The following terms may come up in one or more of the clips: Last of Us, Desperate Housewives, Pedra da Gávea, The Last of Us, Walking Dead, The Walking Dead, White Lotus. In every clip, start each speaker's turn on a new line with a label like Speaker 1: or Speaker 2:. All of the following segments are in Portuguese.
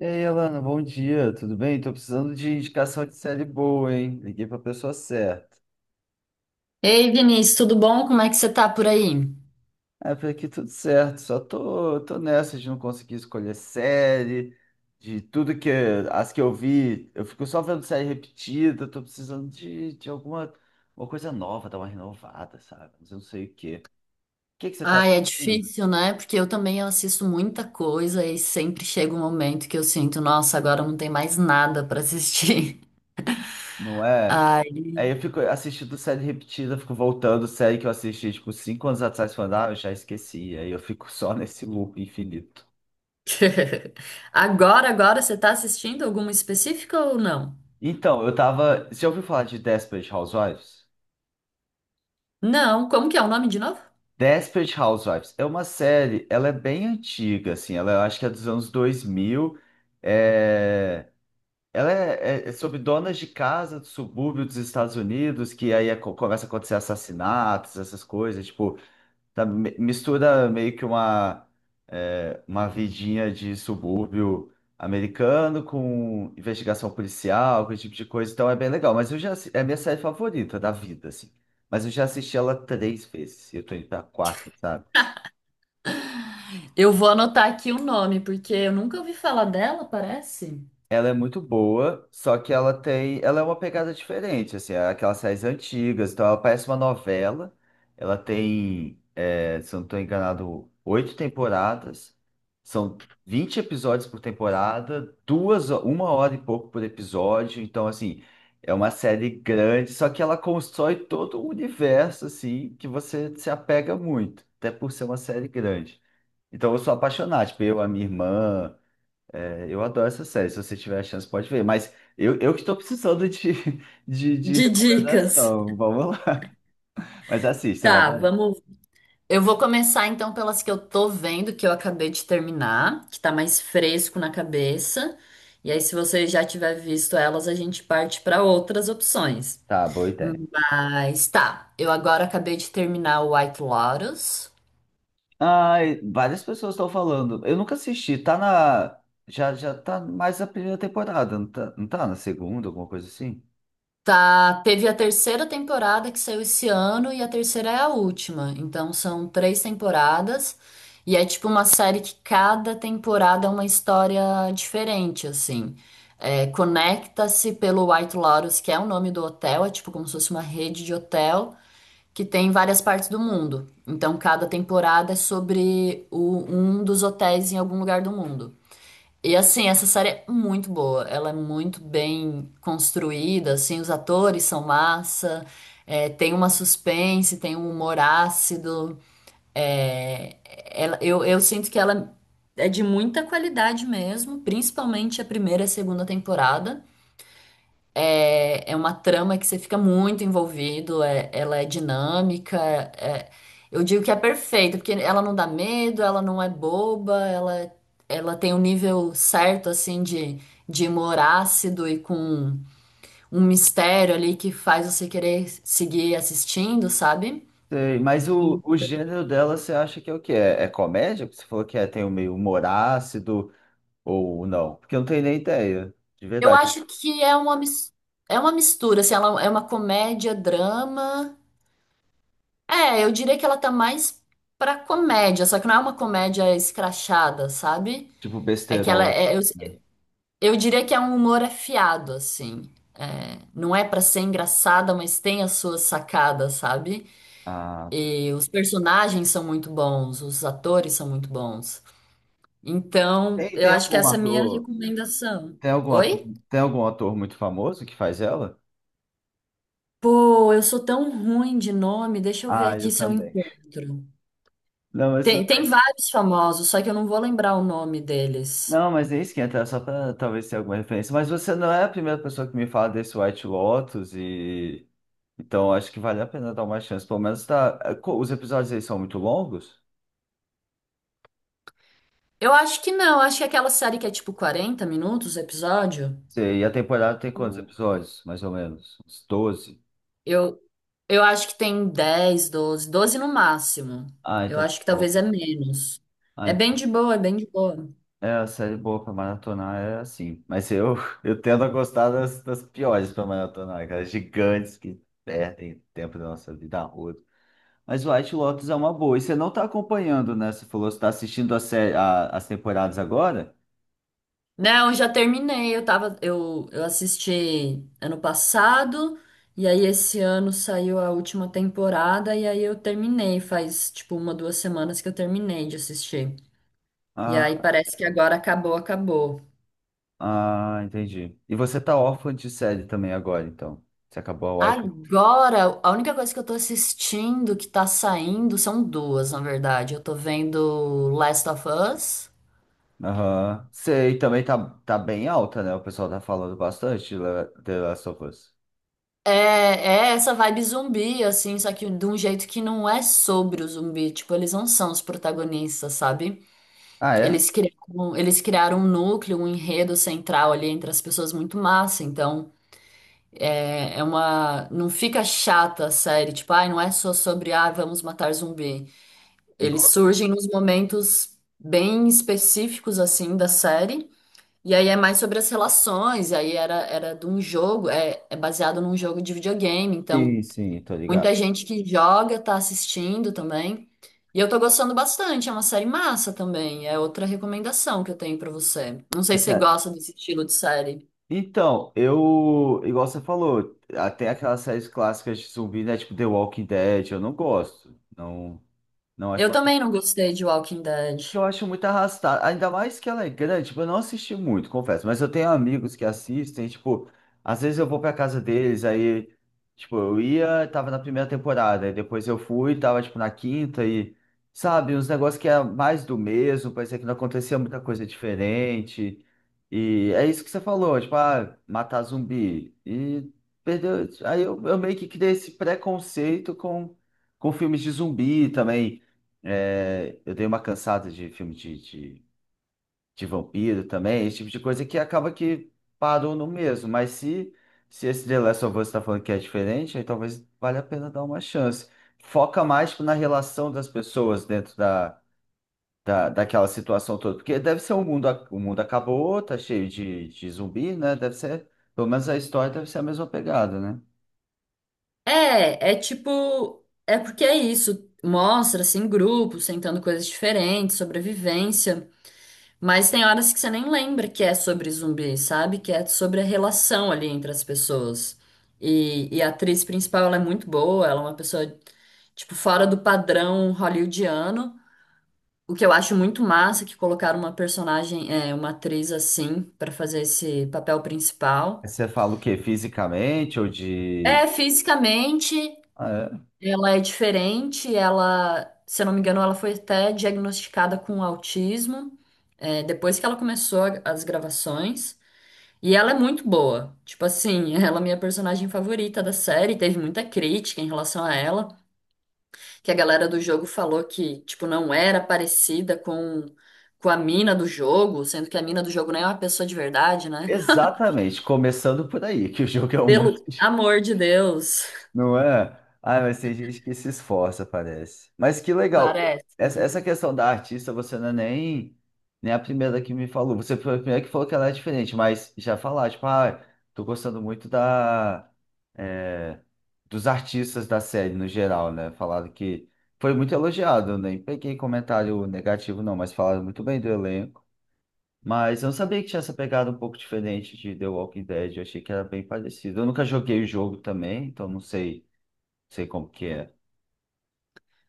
Speaker 1: E aí, Alana, bom dia, tudo bem? Tô precisando de indicação de série boa, hein? Liguei pra pessoa certa.
Speaker 2: Ei, Vinícius, tudo bom? Como é que você tá por aí?
Speaker 1: É, por aqui tudo certo, só tô nessa de não conseguir escolher série, de tudo que as que eu vi, eu fico só vendo série repetida, tô precisando de alguma uma coisa nova, dar uma renovada, sabe? Mas eu não sei o quê. O que que você tá
Speaker 2: Ai, é
Speaker 1: assistindo?
Speaker 2: difícil, né? Porque eu também assisto muita coisa e sempre chega um momento que eu sinto, nossa, agora não tem mais nada pra assistir.
Speaker 1: Não é?
Speaker 2: Ai.
Speaker 1: Aí eu fico assistindo série repetida, fico voltando, série que eu assisti, tipo, 5 anos atrás, falando, ah, eu já esqueci. Aí eu fico só nesse loop infinito.
Speaker 2: Agora você tá assistindo alguma específica ou não?
Speaker 1: Então, eu tava. Você já ouviu falar de Desperate Housewives?
Speaker 2: Não, como que é o nome de novo?
Speaker 1: Desperate Housewives é uma série, ela é bem antiga, assim, ela eu acho que é dos anos 2000. É... Ela é, é sobre donas de casa do subúrbio dos Estados Unidos, que aí é começa a acontecer assassinatos, essas coisas. Tipo, tá, mistura meio que uma, uma vidinha de subúrbio americano com investigação policial, com esse tipo de coisa, então é bem legal. Mas eu já, é a minha série favorita da vida, assim. Mas eu já assisti ela 3 vezes, eu tô indo pra quarta, sabe?
Speaker 2: Eu vou anotar aqui o nome, porque eu nunca ouvi falar dela, parece.
Speaker 1: Ela é muito boa, só que ela tem, ela é uma pegada diferente, assim, é aquelas séries antigas, então ela parece uma novela. Ela tem, é, se eu não estou enganado, 8 temporadas, são 20 episódios por temporada, duas, uma hora e pouco por episódio, então assim, é uma série grande, só que ela constrói todo um universo assim que você se apega muito, até por ser uma série grande. Então eu sou apaixonado, tipo, eu, a minha irmã. É, eu adoro essa série. Se você tiver a chance, pode ver. Mas eu que estou precisando de, de
Speaker 2: De dicas.
Speaker 1: recomendação. Vamos lá. Mas assiste, você vai
Speaker 2: Tá.
Speaker 1: adorar.
Speaker 2: vamos Eu vou começar então pelas que eu tô vendo, que eu acabei de terminar, que tá mais fresco na cabeça. E aí, se você já tiver visto elas, a gente parte para outras opções.
Speaker 1: Tá, boa ideia.
Speaker 2: Mas tá, eu agora acabei de terminar o White Lotus.
Speaker 1: Ai, várias pessoas estão falando. Eu nunca assisti. Tá na. Já tá mais na primeira temporada, não tá, não tá na segunda, alguma coisa assim?
Speaker 2: Tá, teve a terceira temporada que saiu esse ano e a terceira é a última. Então são três temporadas e é tipo uma série que cada temporada é uma história diferente, assim. É, conecta-se pelo White Lotus, que é o nome do hotel, é tipo como se fosse uma rede de hotel que tem em várias partes do mundo. Então cada temporada é sobre um dos hotéis em algum lugar do mundo. E assim, essa série é muito boa, ela é muito bem construída, assim, os atores são massa, é, tem uma suspense, tem um humor ácido. É, ela- eu, eu sinto que ela é de muita qualidade mesmo, principalmente a primeira e a segunda temporada. É uma trama que você fica muito envolvido. Ela é dinâmica. é- eu digo que é perfeita, porque ela não dá medo, ela não é boba, ela tem um nível certo, assim, de humor ácido e com um mistério ali que faz você querer seguir assistindo, sabe?
Speaker 1: Sei, mas
Speaker 2: Sim.
Speaker 1: o gênero dela você acha que é o quê? É, é comédia? Porque você falou que é, tem o meio humor ácido ou não? Porque eu não tenho nem ideia, de
Speaker 2: Eu
Speaker 1: verdade.
Speaker 2: acho que é uma mistura, assim, ela é uma comédia, drama. É, eu diria que ela tá mais pra comédia, só que não é uma comédia escrachada, sabe?
Speaker 1: Tipo
Speaker 2: É que ela
Speaker 1: besterol,
Speaker 2: é, eu,
Speaker 1: né?
Speaker 2: eu diria que é um humor afiado, assim. É, não é pra ser engraçada, mas tem as suas sacadas, sabe?
Speaker 1: Ah.
Speaker 2: E os personagens são muito bons, os atores são muito bons. Então,
Speaker 1: Tem,
Speaker 2: eu
Speaker 1: tem
Speaker 2: acho que
Speaker 1: algum
Speaker 2: essa é a minha
Speaker 1: ator,
Speaker 2: recomendação.
Speaker 1: tem algum ator,
Speaker 2: Oi?
Speaker 1: tem algum ator muito famoso que faz ela?
Speaker 2: Pô, eu sou tão ruim de nome, deixa eu ver
Speaker 1: Ah,
Speaker 2: aqui
Speaker 1: eu
Speaker 2: se eu
Speaker 1: também.
Speaker 2: encontro.
Speaker 1: Não, mas tudo
Speaker 2: Tem
Speaker 1: bem.
Speaker 2: vários famosos, só que eu não vou lembrar o nome deles.
Speaker 1: Não, mas é isso que entra, só para talvez ter alguma referência. Mas você não é a primeira pessoa que me fala desse White Lotus e então acho que vale a pena dar uma chance. Pelo menos tá. É, os episódios aí são muito longos?
Speaker 2: Eu acho que não, acho que aquela série que é tipo 40 minutos o episódio.
Speaker 1: Sei, e a temporada tem quantos episódios? Mais ou menos? Uns 12?
Speaker 2: Eu, eu acho que tem 10, doze no máximo.
Speaker 1: Ah,
Speaker 2: Eu
Speaker 1: então tá
Speaker 2: acho que talvez
Speaker 1: bom.
Speaker 2: é menos.
Speaker 1: Ah,
Speaker 2: É bem
Speaker 1: então
Speaker 2: de boa, é bem de boa.
Speaker 1: é, a série boa pra maratonar é assim. Mas eu, eu tendo a gostar das, das piores pra maratonar, aquelas gigantes que perdem tempo da nossa vida roda. Mas White Lotus é uma boa. E você não tá acompanhando, né? Você falou que você tá assistindo a série, as temporadas agora?
Speaker 2: Não, já terminei, eu assisti ano passado, e aí esse ano saiu a última temporada, e aí eu terminei, faz tipo uma, 2 semanas que eu terminei de assistir. E aí
Speaker 1: Ah,
Speaker 2: parece que agora acabou, acabou.
Speaker 1: ah, entendi. E você tá órfã de série também agora, então. Você acabou a White.
Speaker 2: Agora, a única coisa que eu tô assistindo que tá saindo são duas, na verdade. Eu tô vendo Last of Us.
Speaker 1: Aham. Sei, também tá, tá bem alta, né? O pessoal tá falando bastante de The Last of Us.
Speaker 2: É essa vibe zumbi, assim, só que de um jeito que não é sobre o zumbi. Tipo, eles não são os protagonistas, sabe?
Speaker 1: Ah, é?
Speaker 2: Eles criaram um núcleo, um enredo central ali entre as pessoas muito massa. Então, é, é uma. não fica chata a série, tipo, ai, não é só sobre, ah, vamos matar zumbi. Eles
Speaker 1: Igual.
Speaker 2: surgem nos momentos bem específicos, assim, da série. E aí é mais sobre as relações. E aí era de um jogo, é baseado num jogo de videogame. Então,
Speaker 1: Sim, sim, tô ligado.
Speaker 2: muita gente que joga tá assistindo também. E eu tô gostando bastante. É uma série massa também. É outra recomendação que eu tenho pra você. Não sei se você gosta desse estilo de série.
Speaker 1: Então, eu, igual você falou, até aquelas séries clássicas de zumbi, né? Tipo The Walking Dead, eu não gosto. Não, não acho
Speaker 2: Eu também não gostei de Walking Dead.
Speaker 1: que eu acho muito arrastado. Ainda mais que ela é grande, tipo, eu não assisti muito, confesso, mas eu tenho amigos que assistem, tipo, às vezes eu vou pra casa deles, aí, tipo, eu ia, tava na primeira temporada, aí depois eu fui, tava, tipo, na quinta e, sabe, uns negócios que era mais do mesmo, parecia que não acontecia muita coisa diferente. E é isso que você falou, tipo, ah, matar zumbi. E perdeu. Aí eu meio que criei esse preconceito com filmes de zumbi também. É, eu dei uma cansada de filme de vampiro também, esse tipo de coisa que acaba que parou no mesmo. Mas se esse The Last of Us está falando que é diferente, aí talvez valha a pena dar uma chance. Foca mais tipo, na relação das pessoas dentro da, daquela situação toda. Porque deve ser o mundo, o mundo acabou, tá cheio de zumbi, né? Deve ser, pelo menos a história deve ser a mesma pegada, né?
Speaker 2: É tipo, é porque é isso. Mostra, assim, grupos tentando coisas diferentes, sobrevivência. Mas tem horas que você nem lembra que é sobre zumbi, sabe? Que é sobre a relação ali entre as pessoas. E a atriz principal, ela é muito boa, ela é uma pessoa, tipo, fora do padrão hollywoodiano. O que eu acho muito massa é que colocaram uma personagem, uma atriz assim, pra fazer esse papel principal.
Speaker 1: Você fala o quê? Fisicamente ou
Speaker 2: É,
Speaker 1: de.
Speaker 2: fisicamente.
Speaker 1: Ah, é,
Speaker 2: Ela é diferente, ela, se eu não me engano, ela foi até diagnosticada com autismo, depois que ela começou as gravações. E ela é muito boa. Tipo assim, ela é minha personagem favorita da série. Teve muita crítica em relação a ela, que a galera do jogo falou que, tipo, não era parecida com a mina do jogo, sendo que a mina do jogo nem é uma pessoa de verdade, né?
Speaker 1: exatamente, começando por aí, que o jogo é um monte
Speaker 2: Pelo
Speaker 1: de...
Speaker 2: amor de Deus,
Speaker 1: Não é? Ah, mas tem gente que se esforça, parece. Mas que legal.
Speaker 2: parece.
Speaker 1: Essa questão da artista, você não é nem, nem a primeira que me falou. Você foi a primeira que falou que ela é diferente, mas já falar, tipo, ah, tô gostando muito da, é, dos artistas da série no geral, né? Falaram que foi muito elogiado, nem peguei comentário negativo, não, mas falaram muito bem do elenco. Mas eu não sabia que tinha essa pegada um pouco diferente de The Walking Dead. Eu achei que era bem parecido. Eu nunca joguei o jogo também, então não sei, sei como que é.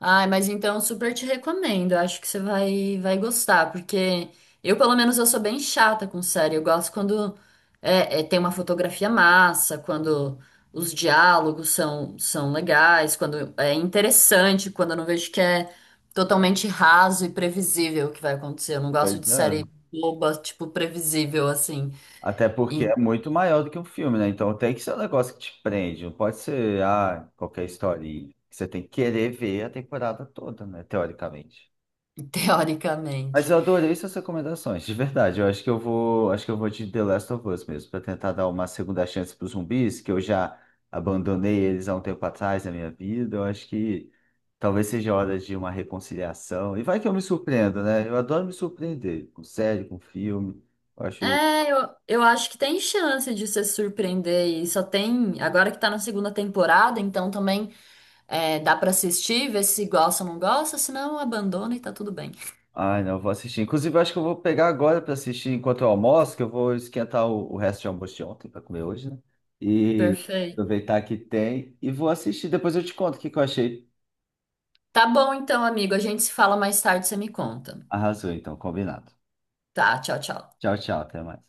Speaker 2: Ai, mas então super te recomendo. Eu acho que você vai gostar, porque eu, pelo menos, eu sou bem chata com série. Eu gosto quando tem uma fotografia massa, quando os diálogos são legais, quando é interessante, quando eu não vejo que é totalmente raso e previsível o que vai acontecer. Eu não gosto
Speaker 1: Pois
Speaker 2: de
Speaker 1: é.
Speaker 2: série boba, tipo, previsível, assim,
Speaker 1: Até porque
Speaker 2: e,
Speaker 1: é muito maior do que um filme, né? Então tem que ser um negócio que te prende. Não pode ser, ah, qualquer historinha. Você tem que querer ver a temporada toda, né? Teoricamente. Mas
Speaker 2: teoricamente.
Speaker 1: eu adorei suas recomendações, de verdade. Eu acho que eu vou, acho que eu vou de The Last of Us mesmo, para tentar dar uma segunda chance para os zumbis, que eu já abandonei eles há um tempo atrás na minha vida. Eu acho que talvez seja hora de uma reconciliação. E vai que eu me surpreendo, né? Eu adoro me surpreender com série, com filme. Eu acho,
Speaker 2: É, eu acho que tem chance de se surpreender e só tem, agora que tá na segunda temporada, então também dá pra assistir, ver se gosta ou não gosta, senão abandona e tá tudo bem.
Speaker 1: ai, não, eu vou assistir. Inclusive, eu acho que eu vou pegar agora para assistir enquanto eu almoço, que eu vou esquentar o resto de almoço de ontem para comer hoje, né? E
Speaker 2: Perfeito.
Speaker 1: aproveitar que tem e vou assistir. Depois eu te conto o que que eu achei.
Speaker 2: Tá bom então, amigo, a gente se fala mais tarde, você me conta.
Speaker 1: Arrasou, então, combinado.
Speaker 2: Tá, tchau, tchau.
Speaker 1: Tchau, tchau, até mais.